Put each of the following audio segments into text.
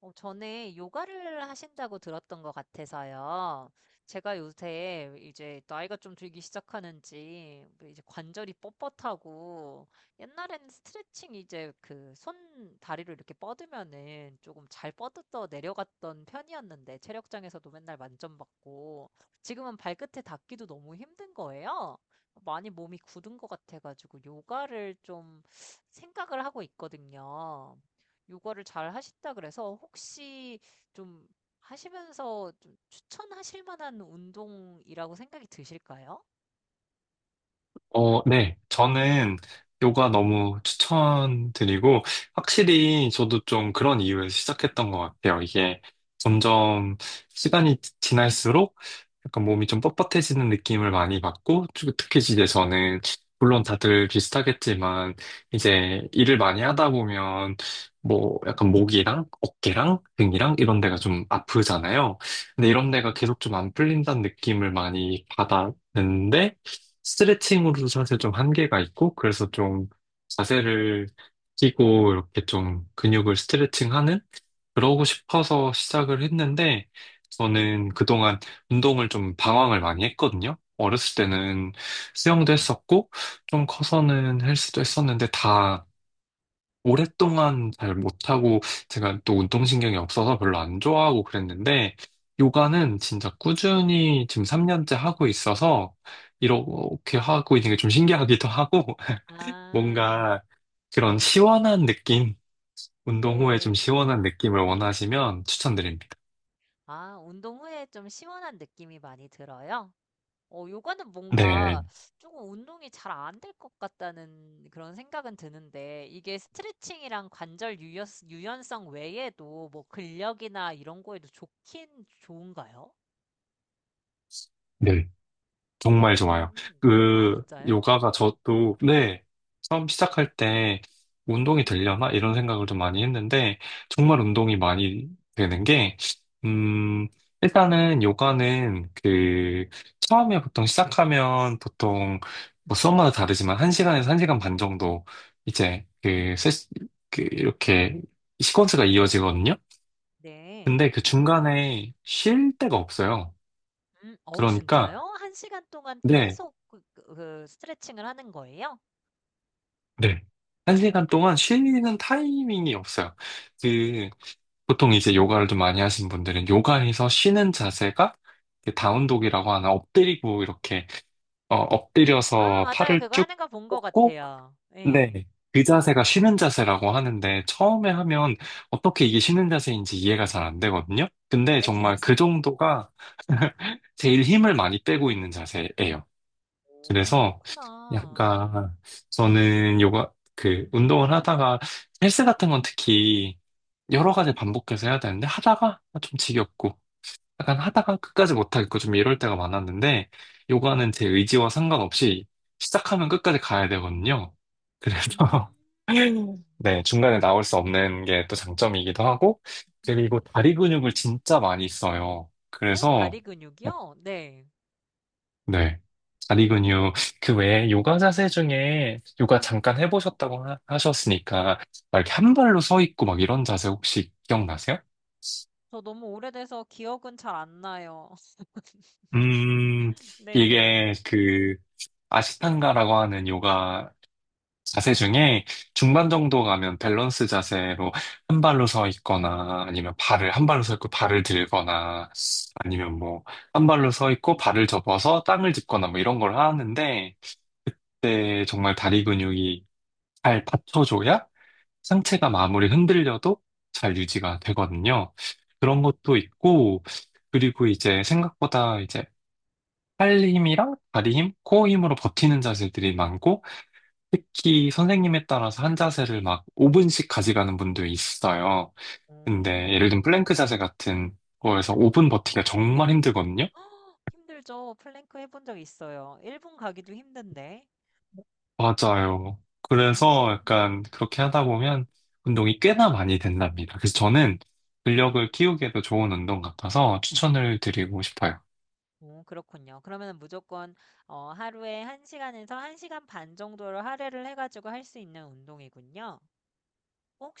전에 요가를 하신다고 들었던 것 같아서요. 제가 요새 이제 나이가 좀 들기 시작하는지 뭐 이제 관절이 뻣뻣하고 옛날에는 스트레칭 이제 그 손 다리를 이렇게 뻗으면은 조금 잘 뻗어 내려갔던 편이었는데 체력장에서도 맨날 만점 받고 지금은 발끝에 닿기도 너무 힘든 거예요. 많이 몸이 굳은 것 같아가지고 요가를 좀 생각을 하고 있거든요. 요가를 잘 하신다 그래서 혹시 좀 하시면서 좀 추천하실 만한 운동이라고 생각이 드실까요? 네. 저는 요가 너무 추천드리고, 확실히 저도 좀 그런 이유에서 시작했던 것 같아요. 이게 점점 시간이 지날수록 약간 몸이 좀 뻣뻣해지는 느낌을 많이 받고, 특히 이제 저는, 물론 다들 비슷하겠지만, 이제 일을 많이 하다 보면, 뭐 약간 목이랑 어깨랑 등이랑 이런 데가 좀 아프잖아요. 근데 이런 데가 계속 좀 안 풀린다는 느낌을 많이 받았는데, 스트레칭으로도 사실 좀 한계가 있고, 그래서 좀 자세를 끼고 이렇게 좀 근육을 스트레칭하는? 그러고 싶어서 시작을 했는데, 저는 그동안 운동을 좀 방황을 많이 했거든요. 어렸을 때는 수영도 했었고, 좀 커서는 헬스도 했었는데 다 오랫동안 잘 못하고 제가 또 운동신경이 없어서 별로 안 좋아하고 그랬는데 요가는 진짜 꾸준히 지금 3년째 하고 있어서 이렇게 하고 있는 게 좀 신기하기도 하고 아, 뭔가 그런 시원한 느낌, 운동 후에 좀 네. 시원한 느낌을 원하시면 추천드립니다. 아, 운동 후에 좀 시원한 느낌이 많이 들어요? 요가는 네. 뭔가 조금 운동이 잘 안 될 것 같다는 그런 생각은 드는데, 이게 스트레칭이랑 관절 유연성 외에도 뭐 근력이나 이런 거에도 좋긴 좋은가요? 네. 정말 좋아요. 오. 아, 그, 진짜요? 요가가 저도, 네, 처음 시작할 때 운동이 되려나? 이런 생각을 좀 많이 했는데, 정말 운동이 많이 되는 게, 음, 일단은 요가는 그, 처음에 보통 시작하면 보통, 뭐 수업마다 다르지만, 1시간에서 1시간 반 정도, 이제, 그, 세, 그, 이렇게, 시퀀스가 이어지거든요? 네. 근데 그 중간에 쉴 데가 없어요. 음. 어우 진짜요? 그러니까, 1 시간 동안 네. 계속 그 스트레칭을 하는 거예요? 네. 한 오. 시간 동안 쉬는 타이밍이 없어요. 그, 보통 이제 요가를 좀 많이 하신 분들은 요가에서 쉬는 자세가 그 다운독이라고 하나, 엎드리고 이렇게, 어, 아 엎드려서 맞아요. 팔을 그거 쭉 하는 거 본 것 뻗고, 같아요. 네. 예. 그 자세가 쉬는 자세라고 하는데 처음에 하면 어떻게 이게 쉬는 자세인지 이해가 잘 안 되거든요. 근데 네. 정말 그 정도가 제일 힘을 많이 빼고 있는 자세예요. 오 그래서 그렇구나. 약간 저는 요가 그 운동을 하다가 헬스 같은 건 특히 여러 가지 반복해서 해야 되는데 하다가 좀 지겹고 약간 하다가 끝까지 못하겠고 좀 이럴 때가 많았는데 요가는 제 의지와 상관없이 시작하면 끝까지 가야 되거든요. 음. 그래서 네, 중간에 나올 수 없는 게 또 장점이기도 하고 그리고 다리 근육을 진짜 많이 써요. 오, 그래서 다리 근육이요? 네. 네. 다리 근육. 그 외에 요가 자세 중에 요가 잠깐 해보셨다고 하셨으니까 막 이렇게 한 발로 서 있고 막 이런 자세 혹시 기억나세요? 저 너무 오래돼서 기억은 잘 안 나요. 음, 네네. 이게 그 아시탄가라고 하는 요가 자세 중에 중반 정도 가면 밸런스 자세로 한 발로 서 있거나, 아니면 발을 한 발로 서 있고 발을 들거나, 아니면 뭐 한 발로 서 있고 발을 접어서 땅을 짚거나 뭐 이런 걸 하는데 그때 정말 다리 근육이 잘 받쳐줘야 상체가 아무리 흔들려도 잘 유지가 되거든요. 그런 것도 있고, 그리고 이제 생각보다 이제 팔 힘이랑 다리 힘, 코어 힘으로 버티는 자세들이 많고, 특히 선생님에 따라서 한 자세를 막 5분씩 가져가는 분도 있어요. 근데 예를 음. 들면 플랭크 자세 같은 거에서 5분 버티기가 정말 힘들거든요. 힘들죠. 플랭크 해본 적 있어요. 1분 가기도 힘든데. 맞아요. 그래서 음. 약간 그렇게 하다 보면 운동이 꽤나 많이 된답니다. 그래서 저는 근력을 키우기에도 좋은 운동 같아서 추천을 드리고 싶어요. 오 그렇군요. 그러면은 무조건 하루에 1 시간에서 1 시간 반 정도를 할애를 해 가지고 할 수 있는 운동이군요.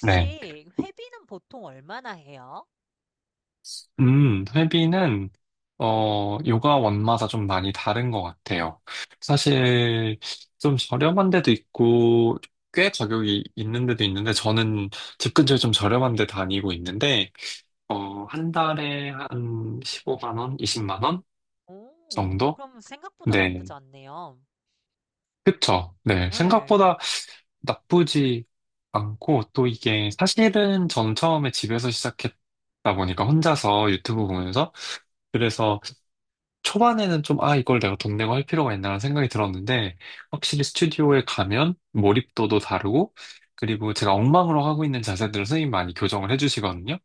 네. 회비는 보통 얼마나 해요? 회비는, 요가 원마다 좀 많이 다른 것 같아요. 사실 좀 저렴한 데도 있고, 꽤 가격이 있는 데도 있는데, 저는 집 근처에 좀 저렴한 데 다니고 있는데, 한 달에 한 15만 원, 20만 원 오 정도? 그럼 생각보다 네. 나쁘지 않네요. 그쵸. 네. 네. 생각보다 나쁘지 않고, 또 이게 사실은 전 처음에 집에서 시작했다 보니까 혼자서 유튜브 보면서, 그래서 초반에는 좀, 아, 이걸 내가 돈 내고 할 필요가 있나라는 생각이 들었는데, 확실히 스튜디오에 가면 몰입도도 다르고, 그리고 제가 엉망으로 하고 있는 자세들을 선생님이 많이 교정을 해주시거든요.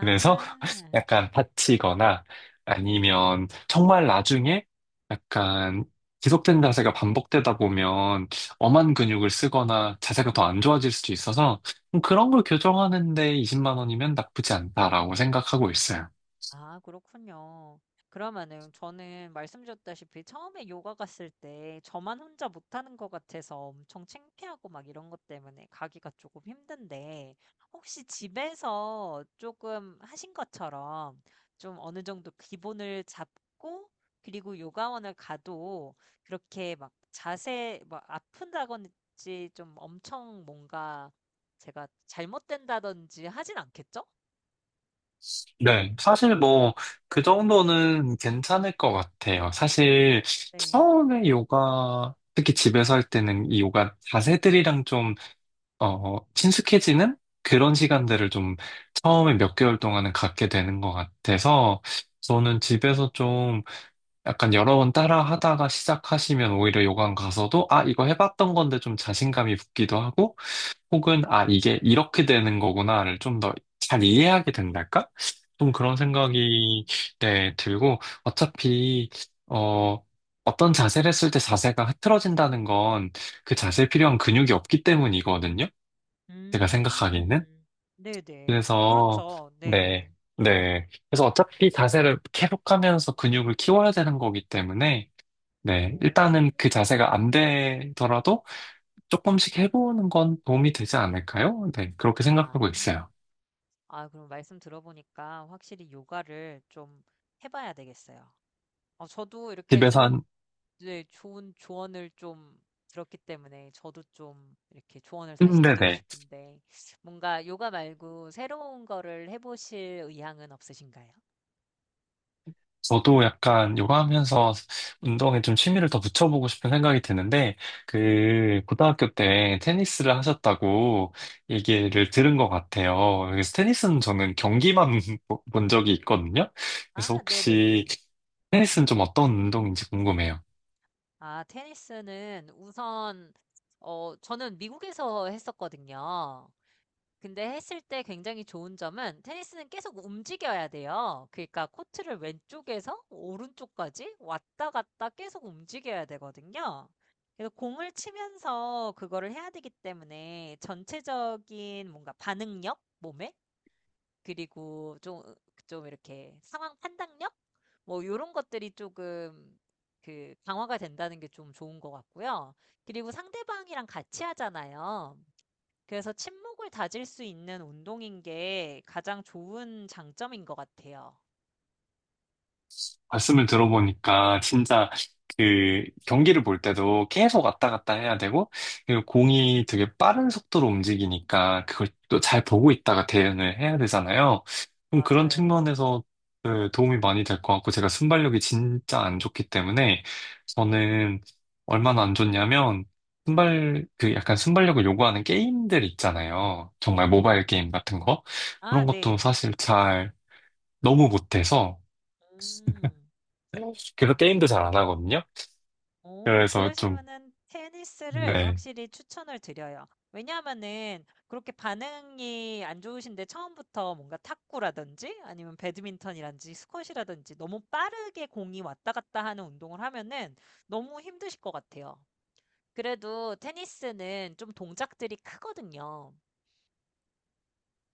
그래서 약간 다치거나 아니면 정말 나중에 약간 지속된 자세가 반복되다 보면 엄한 근육을 쓰거나 자세가 더 안 좋아질 수도 있어서 그런 걸 교정하는데 20만 원이면 나쁘지 않다라고 생각하고 있어요. 아 그렇군요. 그러면은 저는 말씀드렸다시피 처음에 요가 갔을 때 저만 혼자 못하는 것 같아서 엄청 창피하고 막 이런 것 때문에 가기가 조금 힘든데 혹시 집에서 조금 하신 것처럼 좀 어느 정도 기본을 잡고 그리고 요가원을 가도 그렇게 막 자세 막 아픈다든지 좀 엄청 뭔가 제가 잘못된다든지 하진 않겠죠? 네, 사실 뭐 그 네. 정도는 괜찮을 것 같아요. 사실 네. 처음에 요가 특히 집에서 할 때는 이 요가 자세들이랑 좀 친숙해지는 그런 시간들을 좀 처음에 몇 개월 동안은 갖게 되는 것 같아서 저는 집에서 좀 약간 여러 번 따라 하다가 시작하시면 오히려 요강 가서도 아, 이거 해봤던 건데 좀 자신감이 붙기도 하고 혹은 아, 이게 이렇게 되는 거구나를 좀 더 잘 이해하게 된달까? 좀 아. 그런 생각이 네, 들고 어차피 어, 어떤 자세를 했을 때 자세가 흐트러진다는 건 그 자세에 필요한 근육이 없기 때문이거든요. 제가 생각하기는? 음. 네네. 그래서, 그렇죠. 네. 네, 네. 그래서 어차피 자세를 계속 하면서 근육을 키워야 되는 거기 때문에, 오. 네, 일단은 그 자세가 안 되더라도 조금씩 해보는 건 도움이 되지 않을까요? 네, 그렇게 아. 생각하고 있어요. 아 그럼 말씀 들어보니까 확실히 요가를 좀 해 봐야 되겠어요. 저도 이렇게 집에서 한, 좋은 네 좋은 조언을 좀 들었기 때문에 저도 좀 이렇게 조언을 다시 드리고 네네. 싶은데 뭔가 요가 말고 새로운 거를 해 보실 의향은 없으신가요? 저도 약간 요가 하면서 운동에 좀 취미를 더 붙여보고 싶은 생각이 드는데, 그, 고등학교 때 테니스를 하셨다고 얘기를 들은 것 같아요. 그래서 테니스는 저는 경기만 본 적이 있거든요. 그래서 아 혹시 네네네. 테니스는 좀 어떤 운동인지 궁금해요. 아, 테니스는 우선, 저는 미국에서 했었거든요. 근데 했을 때 굉장히 좋은 점은 테니스는 계속 움직여야 돼요. 그러니까 코트를 왼쪽에서 오른쪽까지 왔다 갔다 계속 움직여야 되거든요. 그래서 공을 치면서 그거를 해야 되기 때문에 전체적인 뭔가 반응력? 그리고 좀, 좀 이렇게 상황 판단력? 뭐, 요런 것들이 조금 그 강화가 된다는 게 좀 좋은 것 같고요. 그리고 상대방이랑 같이 하잖아요. 그래서 친목을 다질 수 있는 운동인 게 가장 좋은 장점인 것 같아요. 말씀을 들어보니까 진짜 그 경기를 볼 때도 계속 왔다 갔다 해야 되고 그리고 공이 되게 빠른 속도로 움직이니까 그걸 또 잘 보고 있다가 대응을 해야 되잖아요. 그럼 그런 맞아요. 측면에서 그 도움이 많이 될 것 같고 제가 순발력이 진짜 안 좋기 때문에 음. 저는 얼마나 안 좋냐면 순발 그 약간 순발력을 요구하는 게임들 있잖아요. 정말 모바일 게임 같은 거 아, 그런 것도 네. 사실 잘 너무 못해서 음. 그래서 게임도 잘 안 하거든요. 오 그래서 좀, 그러시면은 테니스를 네. 확실히 추천을 드려요. 왜냐하면은 그렇게 반응이 안 좋으신데 처음부터 뭔가 탁구라든지 아니면 배드민턴이라든지 스쿼시라든지 너무 빠르게 공이 왔다 갔다 하는 운동을 하면은 너무 힘드실 것 같아요. 그래도 테니스는 좀 동작들이 크거든요.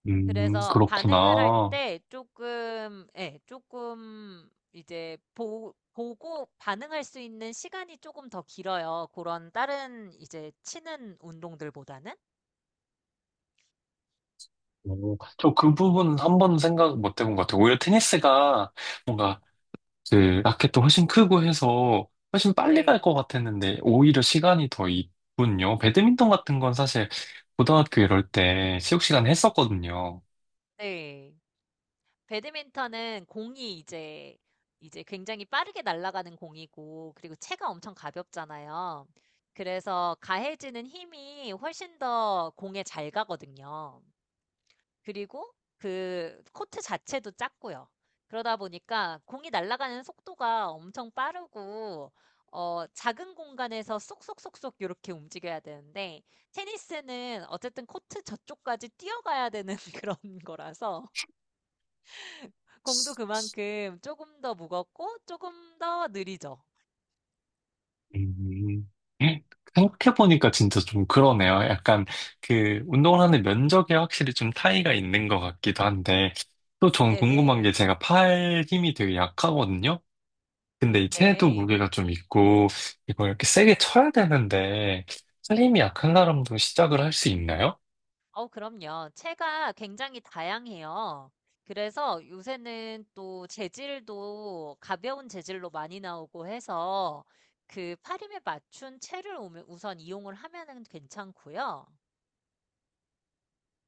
그래서 반응을 할 그렇구나. 때 조금, 예, 조금 이제 보고 반응할 수 있는 시간이 조금 더 길어요. 그런 다른 이제 치는 운동들보다는. 오, 저그 부분은 한 번도 생각 못 해본 것 같아요. 오히려 테니스가 뭔가 그 라켓도 훨씬 크고 해서 훨씬 빨리 갈 네, 것 같았는데 오히려 시간이 더 있군요. 배드민턴 같은 건 사실 고등학교 이럴 때 체육 시간에 했었거든요. 네. 배드민턴은 공이 이제 굉장히 빠르게 날아가는 공이고 그리고 채가 엄청 가볍잖아요. 그래서 가해지는 힘이 훨씬 더 공에 잘 가거든요. 그리고 그 코트 자체도 작고요. 그러다 보니까 공이 날아가는 속도가 엄청 빠르고 작은 공간에서 쏙쏙쏙쏙 이렇게 움직여야 되는데 테니스는 어쨌든 코트 저쪽까지 뛰어가야 되는 그런 거라서 공도 그만큼 조금 더 무겁고 조금 더 느리죠. 음, 생각해보니까 진짜 좀 그러네요. 약간 그 운동을 하는 면적에 확실히 좀 차이가 있는 것 같기도 한데, 또 전 궁금한 게 네네. 제가 팔 힘이 되게 약하거든요? 근데 이 체도 네. 무게가 좀 있고, 이걸 이렇게 세게 쳐야 되는데, 팔 힘이 약한 사람도 시작을 할 수 있나요? 그럼요. 채가 굉장히 다양해요. 그래서 요새는 또 재질도 가벼운 재질로 많이 나오고 해서 그 파림에 맞춘 채를 우선 이용을 하면은 괜찮고요.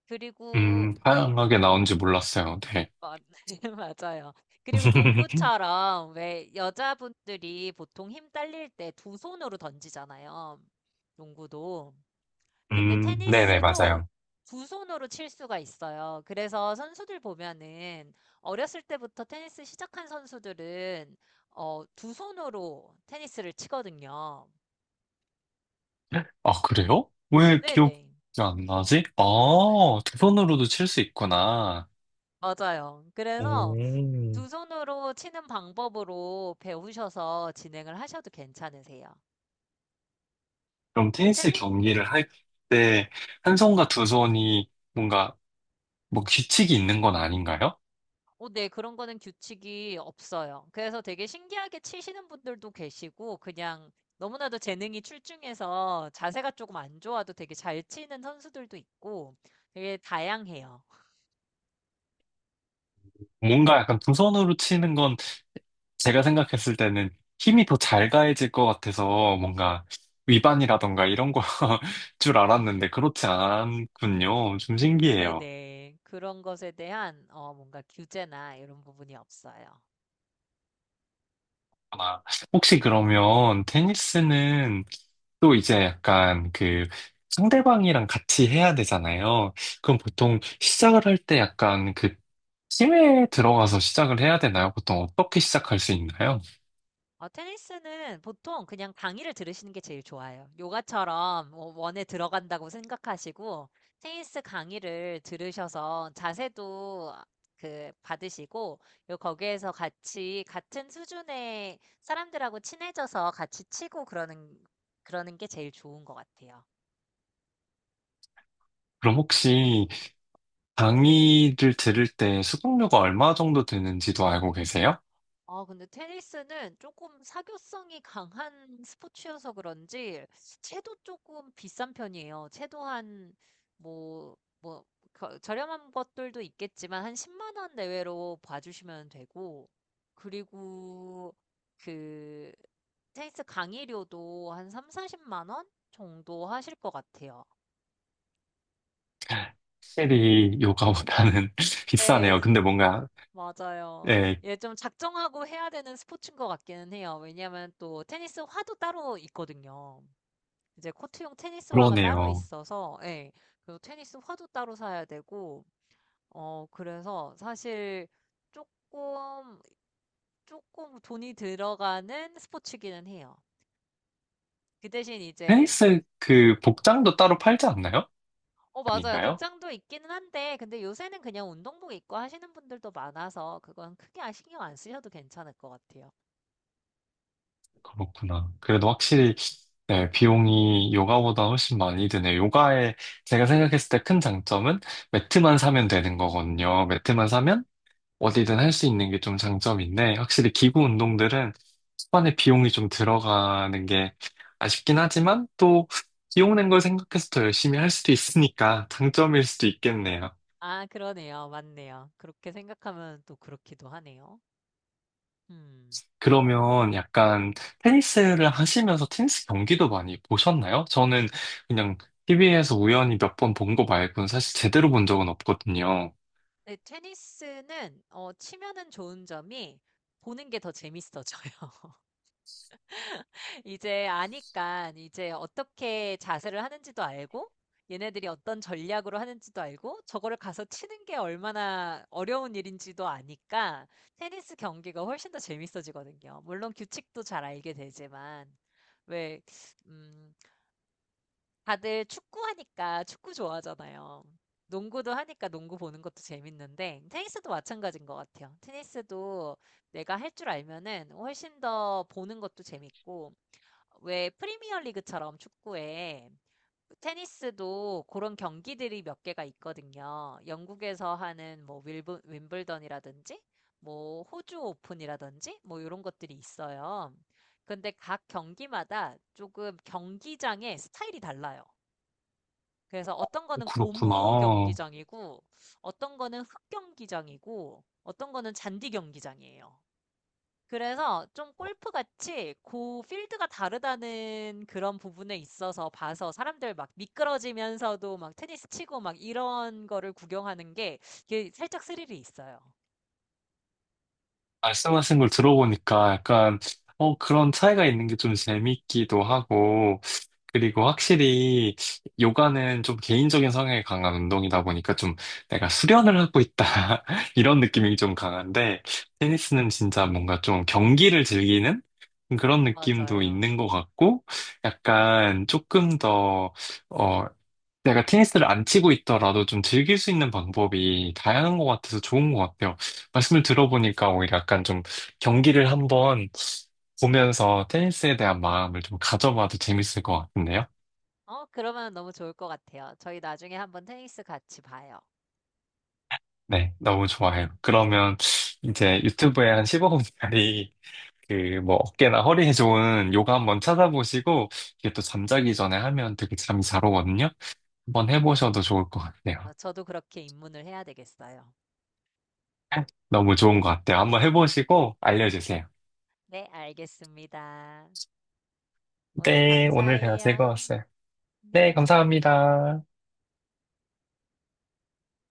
그리고 다양하게 나온지 몰랐어요. 네. 어, 맞아요. 그리고 농구처럼 왜 여자분들이 보통 힘 딸릴 때 두 손으로 던지잖아요. 농구도. 근데 네네, 테니스도 맞아요. 두 손으로 칠 수가 있어요. 그래서 선수들 보면은 어렸을 때부터 테니스 시작한 선수들은 두 손으로 테니스를 치거든요. 아, 그래요? 왜 기억이 네네. 안 나지? 아, 두 손으로도 칠 수 있구나. 맞아요. 그래서 음. 두 손으로 치는 방법으로 배우셔서 진행을 하셔도 괜찮으세요. 그럼 그 테니스 테니스 경기를 할 때, 한 손과 두 손이 뭔가, 뭐 규칙이 있는 건 아닌가요? 어, 네, 그런 거는 규칙이 없어요. 그래서 되게 신기하게 치시는 분들도 계시고, 그냥 너무나도 재능이 출중해서 자세가 조금 안 좋아도 되게 잘 치는 선수들도 있고, 되게 다양해요. 뭔가 약간 두 손으로 치는 건 제가 생각했을 때는 힘이 더 잘 가해질 것 같아서 뭔가 위반이라던가 이런 거 줄 알았는데 그렇지 않군요. 좀 신기해요. 네네. 그런 것에 대한, 뭔가 규제나 이런 부분이 없어요. 아, 혹시 그러면 테니스는 또 이제 약간 그 상대방이랑 같이 해야 되잖아요. 그럼 보통 시작을 할 때 약간 그 팀에 들어가서 시작을 해야 되나요? 보통 어떻게 시작할 수 있나요? 테니스는 보통 그냥 강의를 들으시는 게 제일 좋아요. 요가처럼 뭐 원에 들어간다고 생각하시고, 테니스 강의를 들으셔서 자세도 그 받으시고, 요 거기에서 같이 같은 수준의 사람들하고 친해져서 같이 치고 그러는, 그러는 게 제일 좋은 것 같아요. 그럼 혹시 강의를 들을 때 수강료가 얼마 정도 드는지도 알고 계세요? 아, 근데 테니스는 조금 사교성이 강한 스포츠여서 그런지, 채도 조금 비싼 편이에요. 채도 한, 뭐, 뭐, 저렴한 것들도 있겠지만, 한 10만 원 내외로 봐주시면 되고, 그리고 그, 테니스 강의료도 한 3, 40만 원 정도 하실 것 같아요. 확실히 요가보다는 비싸네요. 네, 근데 뭔가, 맞아요. 예, 예, 좀 작정하고 해야 되는 스포츠인 것 같기는 해요. 왜냐면 또 테니스 화도 따로 있거든요. 이제 코트용 테니스화가 따로 그러네요. 있어서, 예. 그리고 테니스화도 따로 사야 되고, 그래서 사실 조금, 조금 돈이 들어가는 스포츠기는 해요. 그 대신 이제, 테니스 그 복장도 따로 팔지 않나요? 맞아요. 아닌가요? 복장도 있기는 한데, 근데 요새는 그냥 운동복 입고 하시는 분들도 많아서, 그건 크게 신경 안 쓰셔도 괜찮을 것 같아요. 그렇구나. 그래도 확실히 네, 비용이 요가보다 훨씬 많이 드네. 요가에 제가 생각했을 때 큰 장점은 매트만 사면 되는 거거든요. 매트만 사면 어디든 할 수 있는 게 좀 장점인데 확실히 기구 운동들은 초반에 비용이 좀 들어가는 게 아쉽긴 하지만 또 비용 낸 걸 생각해서 더 열심히 할 수도 있으니까 장점일 수도 있겠네요. 아, 그러네요. 맞네요. 그렇게 생각하면 또 그렇기도 하네요. 음. 그러면 약간 테니스를 하시면서 테니스 경기도 많이 보셨나요? 저는 그냥 TV에서 우연히 몇 번 본 거 말고는 사실 제대로 본 적은 없거든요. 네. 테니스는 어 치면은 좋은 점이 보는 게 더 재밌어져요. 이제 아니깐 이제 어떻게 자세를 하는지도 알고 얘네들이 어떤 전략으로 하는지도 알고 저거를 가서 치는 게 얼마나 어려운 일인지도 아니까 테니스 경기가 훨씬 더 재밌어지거든요. 물론 규칙도 잘 알게 되지만 왜음 다들 축구하니까 축구 좋아하잖아요. 농구도 하니까 농구 보는 것도 재밌는데, 테니스도 마찬가지인 것 같아요. 테니스도 내가 할 줄 알면은 훨씬 더 보는 것도 재밌고, 왜 프리미어 리그처럼 축구에 테니스도 그런 경기들이 몇 개가 있거든요. 영국에서 하는 뭐 윈블던이라든지, 뭐 호주 오픈이라든지, 뭐 이런 것들이 있어요. 근데 각 경기마다 조금 경기장의 스타일이 달라요. 그래서 어떤 거는 고무 그렇구나. 경기장이고, 어떤 거는 흙 경기장이고, 어떤 거는 잔디 경기장이에요. 그래서 좀 골프 같이 그 필드가 다르다는 그런 부분에 있어서 봐서 사람들 막 미끄러지면서도 막 테니스 치고 막 이런 거를 구경하는 게 이게 살짝 스릴이 있어요. 말씀하신 걸 들어보니까 약간, 그런 차이가 있는 게 좀 재밌기도 하고, 그리고 확실히 요가는 좀 개인적인 성향이 강한 운동이다 보니까 좀 내가 수련을 하고 있다. 이런 느낌이 좀 강한데, 테니스는 진짜 뭔가 좀 경기를 즐기는 그런 느낌도 맞아요. 있는 것 같고, 약간 조금 더, 어, 내가 테니스를 안 치고 있더라도 좀 즐길 수 있는 방법이 다양한 것 같아서 좋은 것 같아요. 말씀을 들어보니까 오히려 약간 좀 경기를 한번 보면서 테니스에 대한 마음을 좀 가져봐도 재밌을 것 같은데요? 그러면 너무 좋을 것 같아요. 저희 나중에 한번 테니스 같이 봐요. 네, 너무 좋아요. 그러면 네. 이제 유튜브에 한 15분짜리 그 뭐 어깨나 허리에 좋은 요가 한번 찾아보시고 이게 또 잠자기 전에 하면 되게 잠이 잘 오거든요. 한번 오. 해보셔도 좋을 것 같아요. 저도 그렇게 입문을 해야 되겠어요. 너무 좋은 것 같아요. 한번 해보시고 알려주세요. 네, 알겠습니다. 오늘 네, 오늘 대화 감사해요. 즐거웠어요. 네, 네. 감사합니다.